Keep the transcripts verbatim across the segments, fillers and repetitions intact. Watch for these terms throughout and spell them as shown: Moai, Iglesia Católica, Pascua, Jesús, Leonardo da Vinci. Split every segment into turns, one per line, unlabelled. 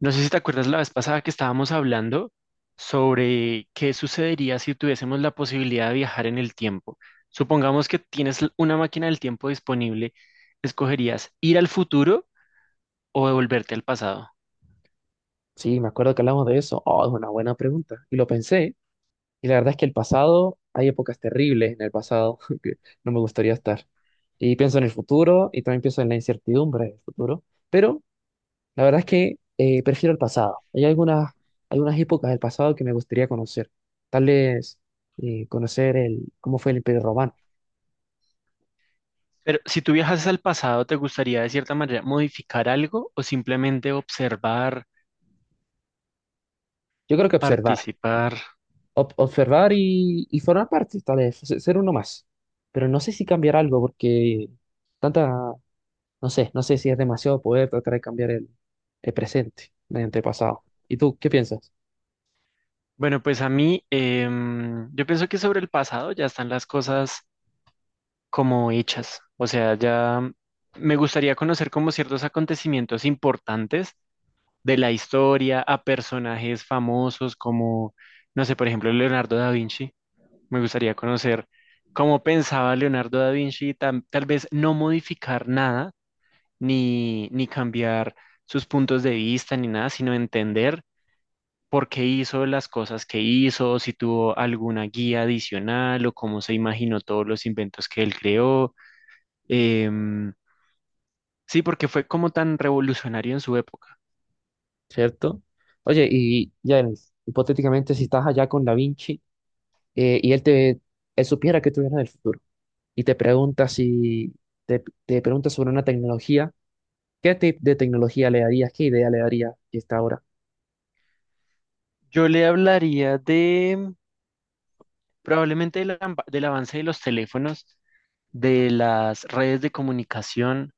No sé si te acuerdas la vez pasada que estábamos hablando sobre qué sucedería si tuviésemos la posibilidad de viajar en el tiempo. Supongamos que tienes l- una máquina del tiempo disponible, ¿escogerías ir al futuro o devolverte al pasado?
Sí, me acuerdo que hablamos de eso. Oh, es una buena pregunta. Y lo pensé. Y la verdad es que el pasado, hay épocas terribles en el pasado que no me gustaría estar. Y pienso en el futuro y también pienso en la incertidumbre del futuro. Pero la verdad es que eh, prefiero el pasado. Hay algunas, algunas épocas del pasado que me gustaría conocer. Tal vez eh, conocer el, cómo fue el Imperio Romano.
Pero si tú viajas al pasado, ¿te gustaría de cierta manera modificar algo o simplemente observar,
Yo creo que observar.
participar?
Ob- observar y, y formar parte, tal vez, se- ser uno más. Pero no sé si cambiar algo porque tanta. No sé, no sé si es demasiado poder tratar de cambiar el, el presente mediante el pasado. ¿Y tú qué piensas?
Bueno, pues a mí, em, yo pienso que sobre el pasado ya están las cosas como hechas. O sea, ya me gustaría conocer como ciertos acontecimientos importantes de la historia a personajes famosos como, no sé, por ejemplo, Leonardo da Vinci. Me gustaría conocer cómo pensaba Leonardo da Vinci, y tam- tal vez no modificar nada ni, ni cambiar sus puntos de vista ni nada, sino entender por qué hizo las cosas que hizo, si tuvo alguna guía adicional o cómo se imaginó todos los inventos que él creó. Em, Sí, porque fue como tan revolucionario en su época.
¿Cierto? Oye, y ya, hipotéticamente, si estás allá con Da Vinci eh, y él te él supiera que tú vienes del futuro y te pregunta si te, te pregunta sobre una tecnología, ¿qué tipo de tecnología le darías? ¿Qué idea le darías que está ahora?
Yo le hablaría de probablemente del, amba- del avance de los teléfonos, de las redes de comunicación,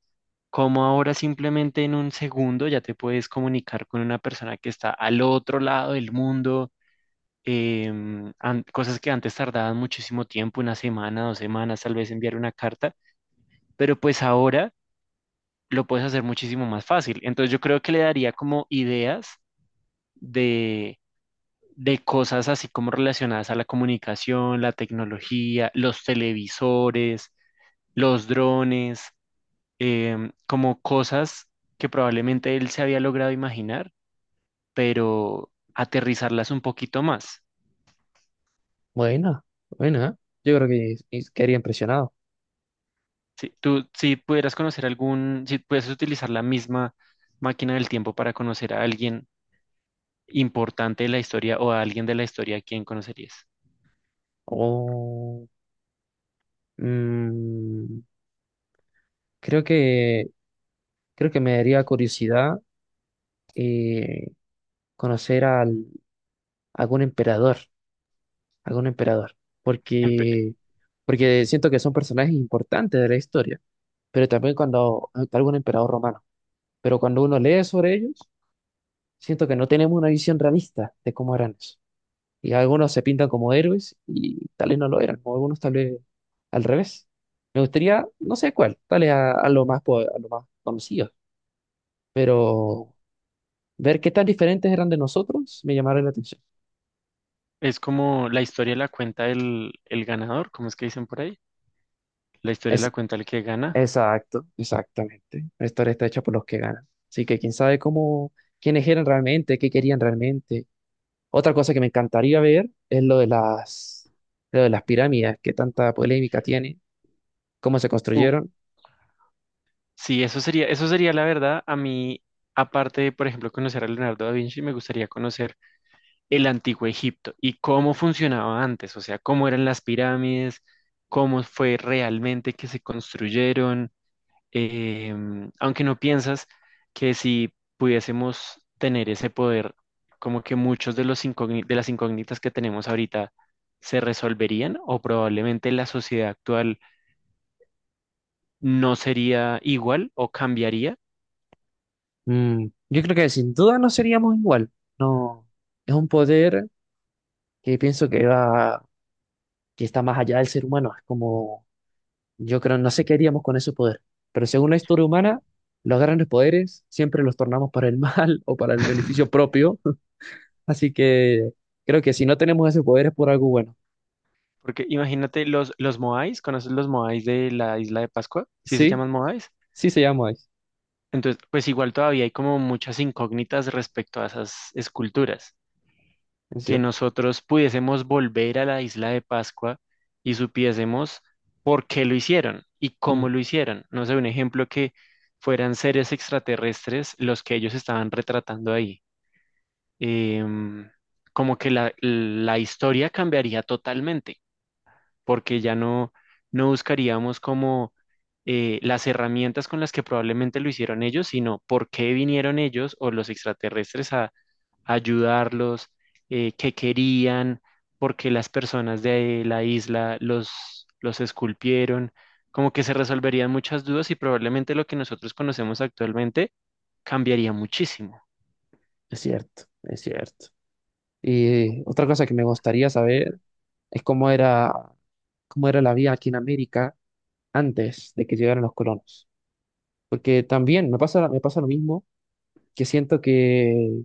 como ahora simplemente en un segundo ya te puedes comunicar con una persona que está al otro lado del mundo, em, an- cosas que antes tardaban muchísimo tiempo, una semana, dos semanas, tal vez enviar una carta, pero pues ahora lo puedes hacer muchísimo más fácil. Entonces yo creo que le daría como ideas de cosas así como relacionadas a la comunicación, la tecnología, los televisores, los drones, em, como cosas que probablemente él se había logrado imaginar, pero aterrizarlas un poquito más.
Buena, buena, ¿eh? Yo creo que y quedaría impresionado.
Si tú, si pudieras conocer algún, si pudieras utilizar la misma máquina del tiempo para conocer a alguien importante de la historia o a alguien de la historia, ¿a quién conocerías?
O, mm, creo que creo que me daría curiosidad, eh, conocer al, algún emperador, algún emperador,
Empe-
porque, porque siento que son personajes importantes de la historia, pero también cuando algún emperador romano, pero cuando uno lee sobre ellos, siento que no tenemos una visión realista de cómo eran eso. Y algunos se pintan como héroes y tal vez no lo eran, o algunos tal vez al revés. Me gustaría, no sé cuál, tal vez a, a lo más, po- a lo más conocido, pero ver qué tan diferentes eran de nosotros me llamaron la atención.
Es como la historia la cuenta el, el ganador, ¿cómo es que dicen por ahí? La historia la
Es
cuenta el que gana.
Exacto, exactamente. La historia está hecha por los que ganan. Así que quién sabe cómo, quiénes eran realmente, qué querían realmente. Otra cosa que me encantaría ver es lo de las, lo de las pirámides, que tanta polémica tiene, cómo se
Uh,
construyeron.
sí, eso sería, eso sería la verdad. A mí, aparte de, por ejemplo, conocer a Leonardo da Vinci, me gustaría conocer el antiguo Egipto y cómo funcionaba antes, o sea, cómo eran las pirámides, cómo fue realmente que se construyeron. Em, ¿aunque no piensas que si pudiésemos tener ese poder, como que muchos de los incógni- de las incógnitas que tenemos ahorita se resolverían o probablemente la sociedad actual no sería igual o cambiaría?
Mm, yo creo que sin duda no seríamos igual. No, es un poder que pienso que va, que está más allá del ser humano. Es como, yo creo, no sé qué haríamos con ese poder. Pero según la historia humana, los grandes poderes siempre los tornamos para el mal o para el beneficio propio. Así que creo que si no tenemos ese poder es por algo bueno.
Porque imagínate los, los Moais, ¿conoces los Moais de la isla de Pascua? ¿Sí se
Sí,
llaman Moais?
sí se llama Ice,
Entonces, pues igual todavía hay como muchas incógnitas respecto a esas esculturas.
es
Que
cierto.
nosotros pudiésemos volver a la isla de Pascua y supiésemos por qué lo hicieron y cómo
Mm,
lo hicieron. No sé, un ejemplo, que fueran seres extraterrestres los que ellos estaban retratando ahí. em, Como que la, la historia cambiaría totalmente, porque ya no, no buscaríamos como eh, las herramientas con las que probablemente lo hicieron ellos, sino por qué vinieron ellos o los extraterrestres a, a ayudarlos, eh, qué querían, por qué las personas de la isla los, los esculpieron. Como que se resolverían muchas dudas y probablemente lo que nosotros conocemos actualmente cambiaría muchísimo.
es cierto, es cierto. Y otra cosa que me gustaría saber es cómo era, cómo era la vida aquí en América antes de que llegaran los colonos. Porque también me pasa, me pasa lo mismo, que siento que,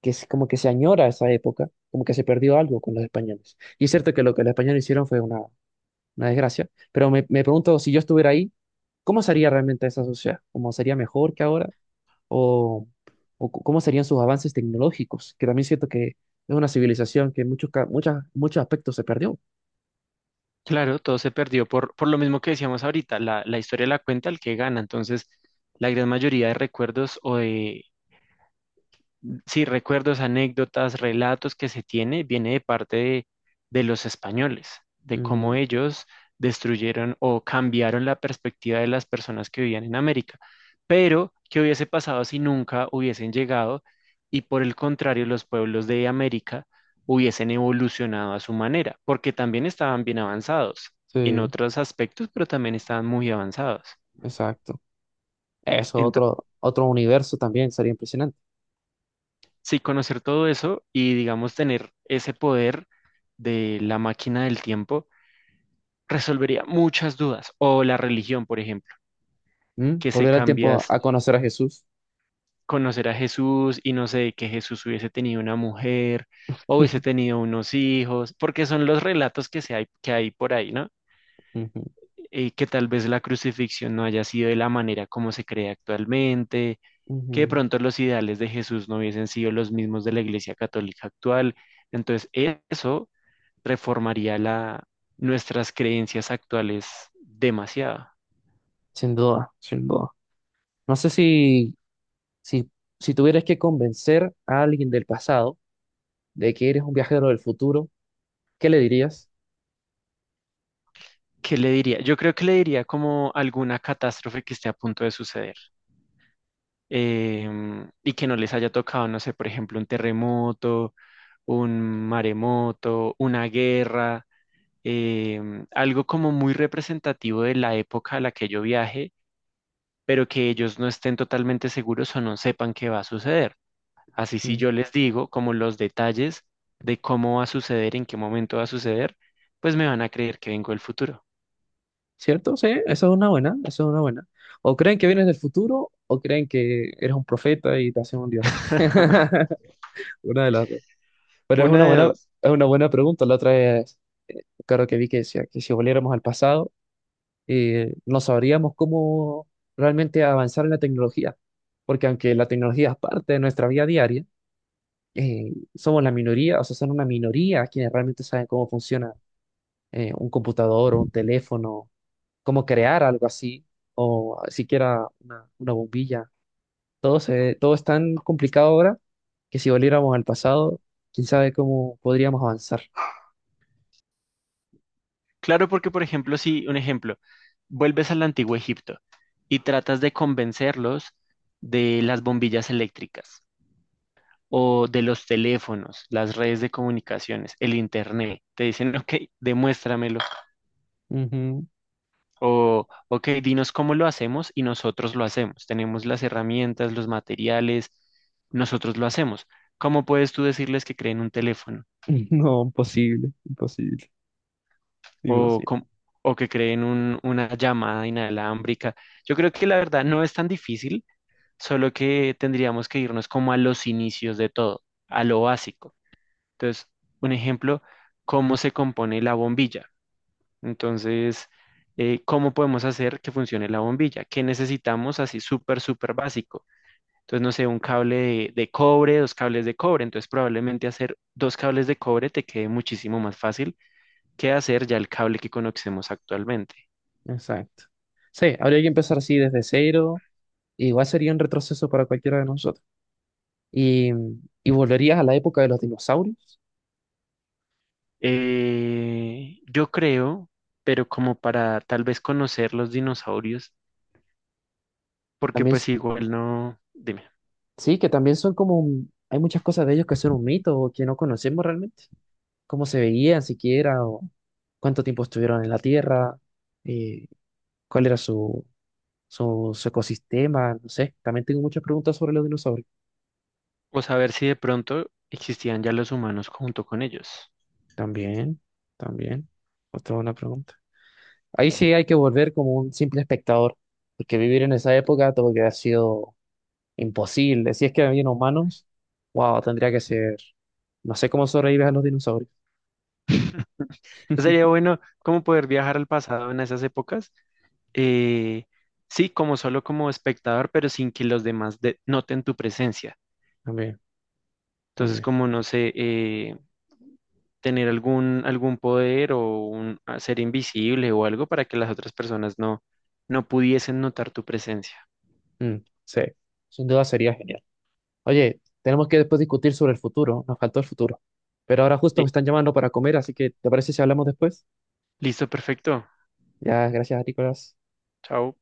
que es como que se añora esa época, como que se perdió algo con los españoles. Y es cierto que lo que los españoles hicieron fue una, una desgracia, pero me, me pregunto si yo estuviera ahí. ¿Cómo sería realmente esa sociedad? ¿Cómo sería mejor que ahora? ¿O, o cu- cómo serían sus avances tecnológicos? Que también siento que es una civilización que en muchos, ca- muchas, muchos aspectos se perdió.
Claro, todo se perdió por, por lo mismo que decíamos ahorita, la, la historia la cuenta el que gana, entonces la gran mayoría de recuerdos o de sí, recuerdos, anécdotas, relatos que se tiene, viene de parte de, de los españoles, de cómo
Ujú.
ellos destruyeron o cambiaron la perspectiva de las personas que vivían en América. Pero, ¿qué hubiese pasado si nunca hubiesen llegado y por el contrario los pueblos de América hubiesen evolucionado a su manera? Porque también estaban bien avanzados en
Sí,
otros aspectos, pero también estaban muy avanzados.
exacto. Eso, otro, otro universo también sería impresionante.
Sí, conocer todo eso y, digamos, tener ese poder de la máquina del tiempo resolvería muchas dudas. O la religión, por ejemplo,
¿Mm?
que se
Volver al tiempo
cambias,
a, a conocer a Jesús.
conocer a Jesús y no sé, que Jesús hubiese tenido una mujer o hubiese tenido unos hijos, porque son los relatos que, se hay, que hay por ahí, ¿no?
Ujú,
Y que tal vez la crucifixión no haya sido de la manera como se cree actualmente, que de
ujú.
pronto los ideales de Jesús no hubiesen sido los mismos de la Iglesia Católica actual. Entonces, eso reformaría la, nuestras creencias actuales demasiado.
Sin duda, sin duda. No sé si, si, si tuvieras que convencer a alguien del pasado de que eres un viajero del futuro, ¿qué le dirías?
¿Qué le diría? Yo creo que le diría como alguna catástrofe que esté a punto de suceder, em, y que no les haya tocado, no sé, por ejemplo, un terremoto, un maremoto, una guerra, em, algo como muy representativo de la época a la que yo viaje, pero que ellos no estén totalmente seguros o no sepan qué va a suceder. Así si yo les digo como los detalles de cómo va a suceder, en qué momento va a suceder, pues me van a creer que vengo del futuro.
¿Cierto? Sí, eso es una buena, eso es una buena. O creen que vienes del futuro o creen que eres un profeta y te hacen un dios. Una de las dos. Pero es una
Una de
buena,
dos.
es una buena pregunta. La otra es, claro que vi que decía que si volviéramos al pasado, eh, no sabríamos cómo realmente avanzar en la tecnología. Porque aunque la tecnología es parte de nuestra vida diaria, eh, somos la minoría, o sea, son una minoría quienes realmente saben cómo funciona eh, un computador o un teléfono, cómo crear algo así, o siquiera una, una bombilla. Todo se, todo es tan complicado ahora que si volviéramos al pasado, quién sabe cómo podríamos avanzar.
Claro, porque por ejemplo, si un ejemplo, vuelves al antiguo Egipto y tratas de convencerlos de las bombillas eléctricas o de los teléfonos, las redes de comunicaciones, el internet, te dicen, ok, demuéstramelo.
Ujú.
O, ok, dinos cómo lo hacemos y nosotros lo hacemos. Tenemos las herramientas, los materiales, nosotros lo hacemos. ¿Cómo puedes tú decirles que creen un teléfono
No, imposible, imposible,
o,
imposible.
cómo- o que creen un- una llamada inalámbrica? Yo creo que la verdad no es tan difícil, solo que tendríamos que irnos como a los inicios de todo, a lo básico. Entonces, un ejemplo, ¿cómo se compone la bombilla? Entonces, eh, ¿cómo podemos hacer que funcione la bombilla? ¿Qué necesitamos así súper, súper básico? Entonces, no sé, un cable de, de cobre, dos cables de cobre. Entonces, probablemente hacer dos cables de cobre te quede muchísimo más fácil que hacer ya el cable que conocemos actualmente.
Exacto. Sí, habría que empezar así desde cero. Igual sería un retroceso para cualquiera de nosotros. Y, y volverías a la época de los dinosaurios.
Eh, yo creo, pero como para tal vez conocer los dinosaurios, porque
También,
pues
s-
igual no, dime,
sí, que también son como, un- hay muchas cosas de ellos que son un mito o que no conocemos realmente. Cómo se veían siquiera, o cuánto tiempo estuvieron en la Tierra, eh, cuál era su, su, su ecosistema, no sé. También tengo muchas preguntas sobre los dinosaurios.
o saber si de pronto existían ya los humanos junto con ellos.
También, también, otra buena pregunta. Ahí sí hay que volver como un simple espectador, porque vivir en esa época todo que ha sido imposible. Si es que habían humanos, wow, tendría que ser. No sé cómo sobrevives a los dinosaurios.
Sería bueno como poder viajar al pasado en esas épocas. eh, sí, como solo como espectador, pero sin que los demás de- noten tu presencia.
También,
Entonces,
también.
como no sé, eh, tener algún, algún poder o un, a ser invisible o algo para que las otras personas no, no pudiesen notar tu presencia.
Mm, sí, sin duda sería genial. Oye, tenemos que después discutir sobre el futuro, nos faltó el futuro. Pero ahora justo me
Eh,
están llamando para comer, así que ¿te parece si hablamos después?
listo, perfecto.
Ya, gracias, Nicolás.
Chao.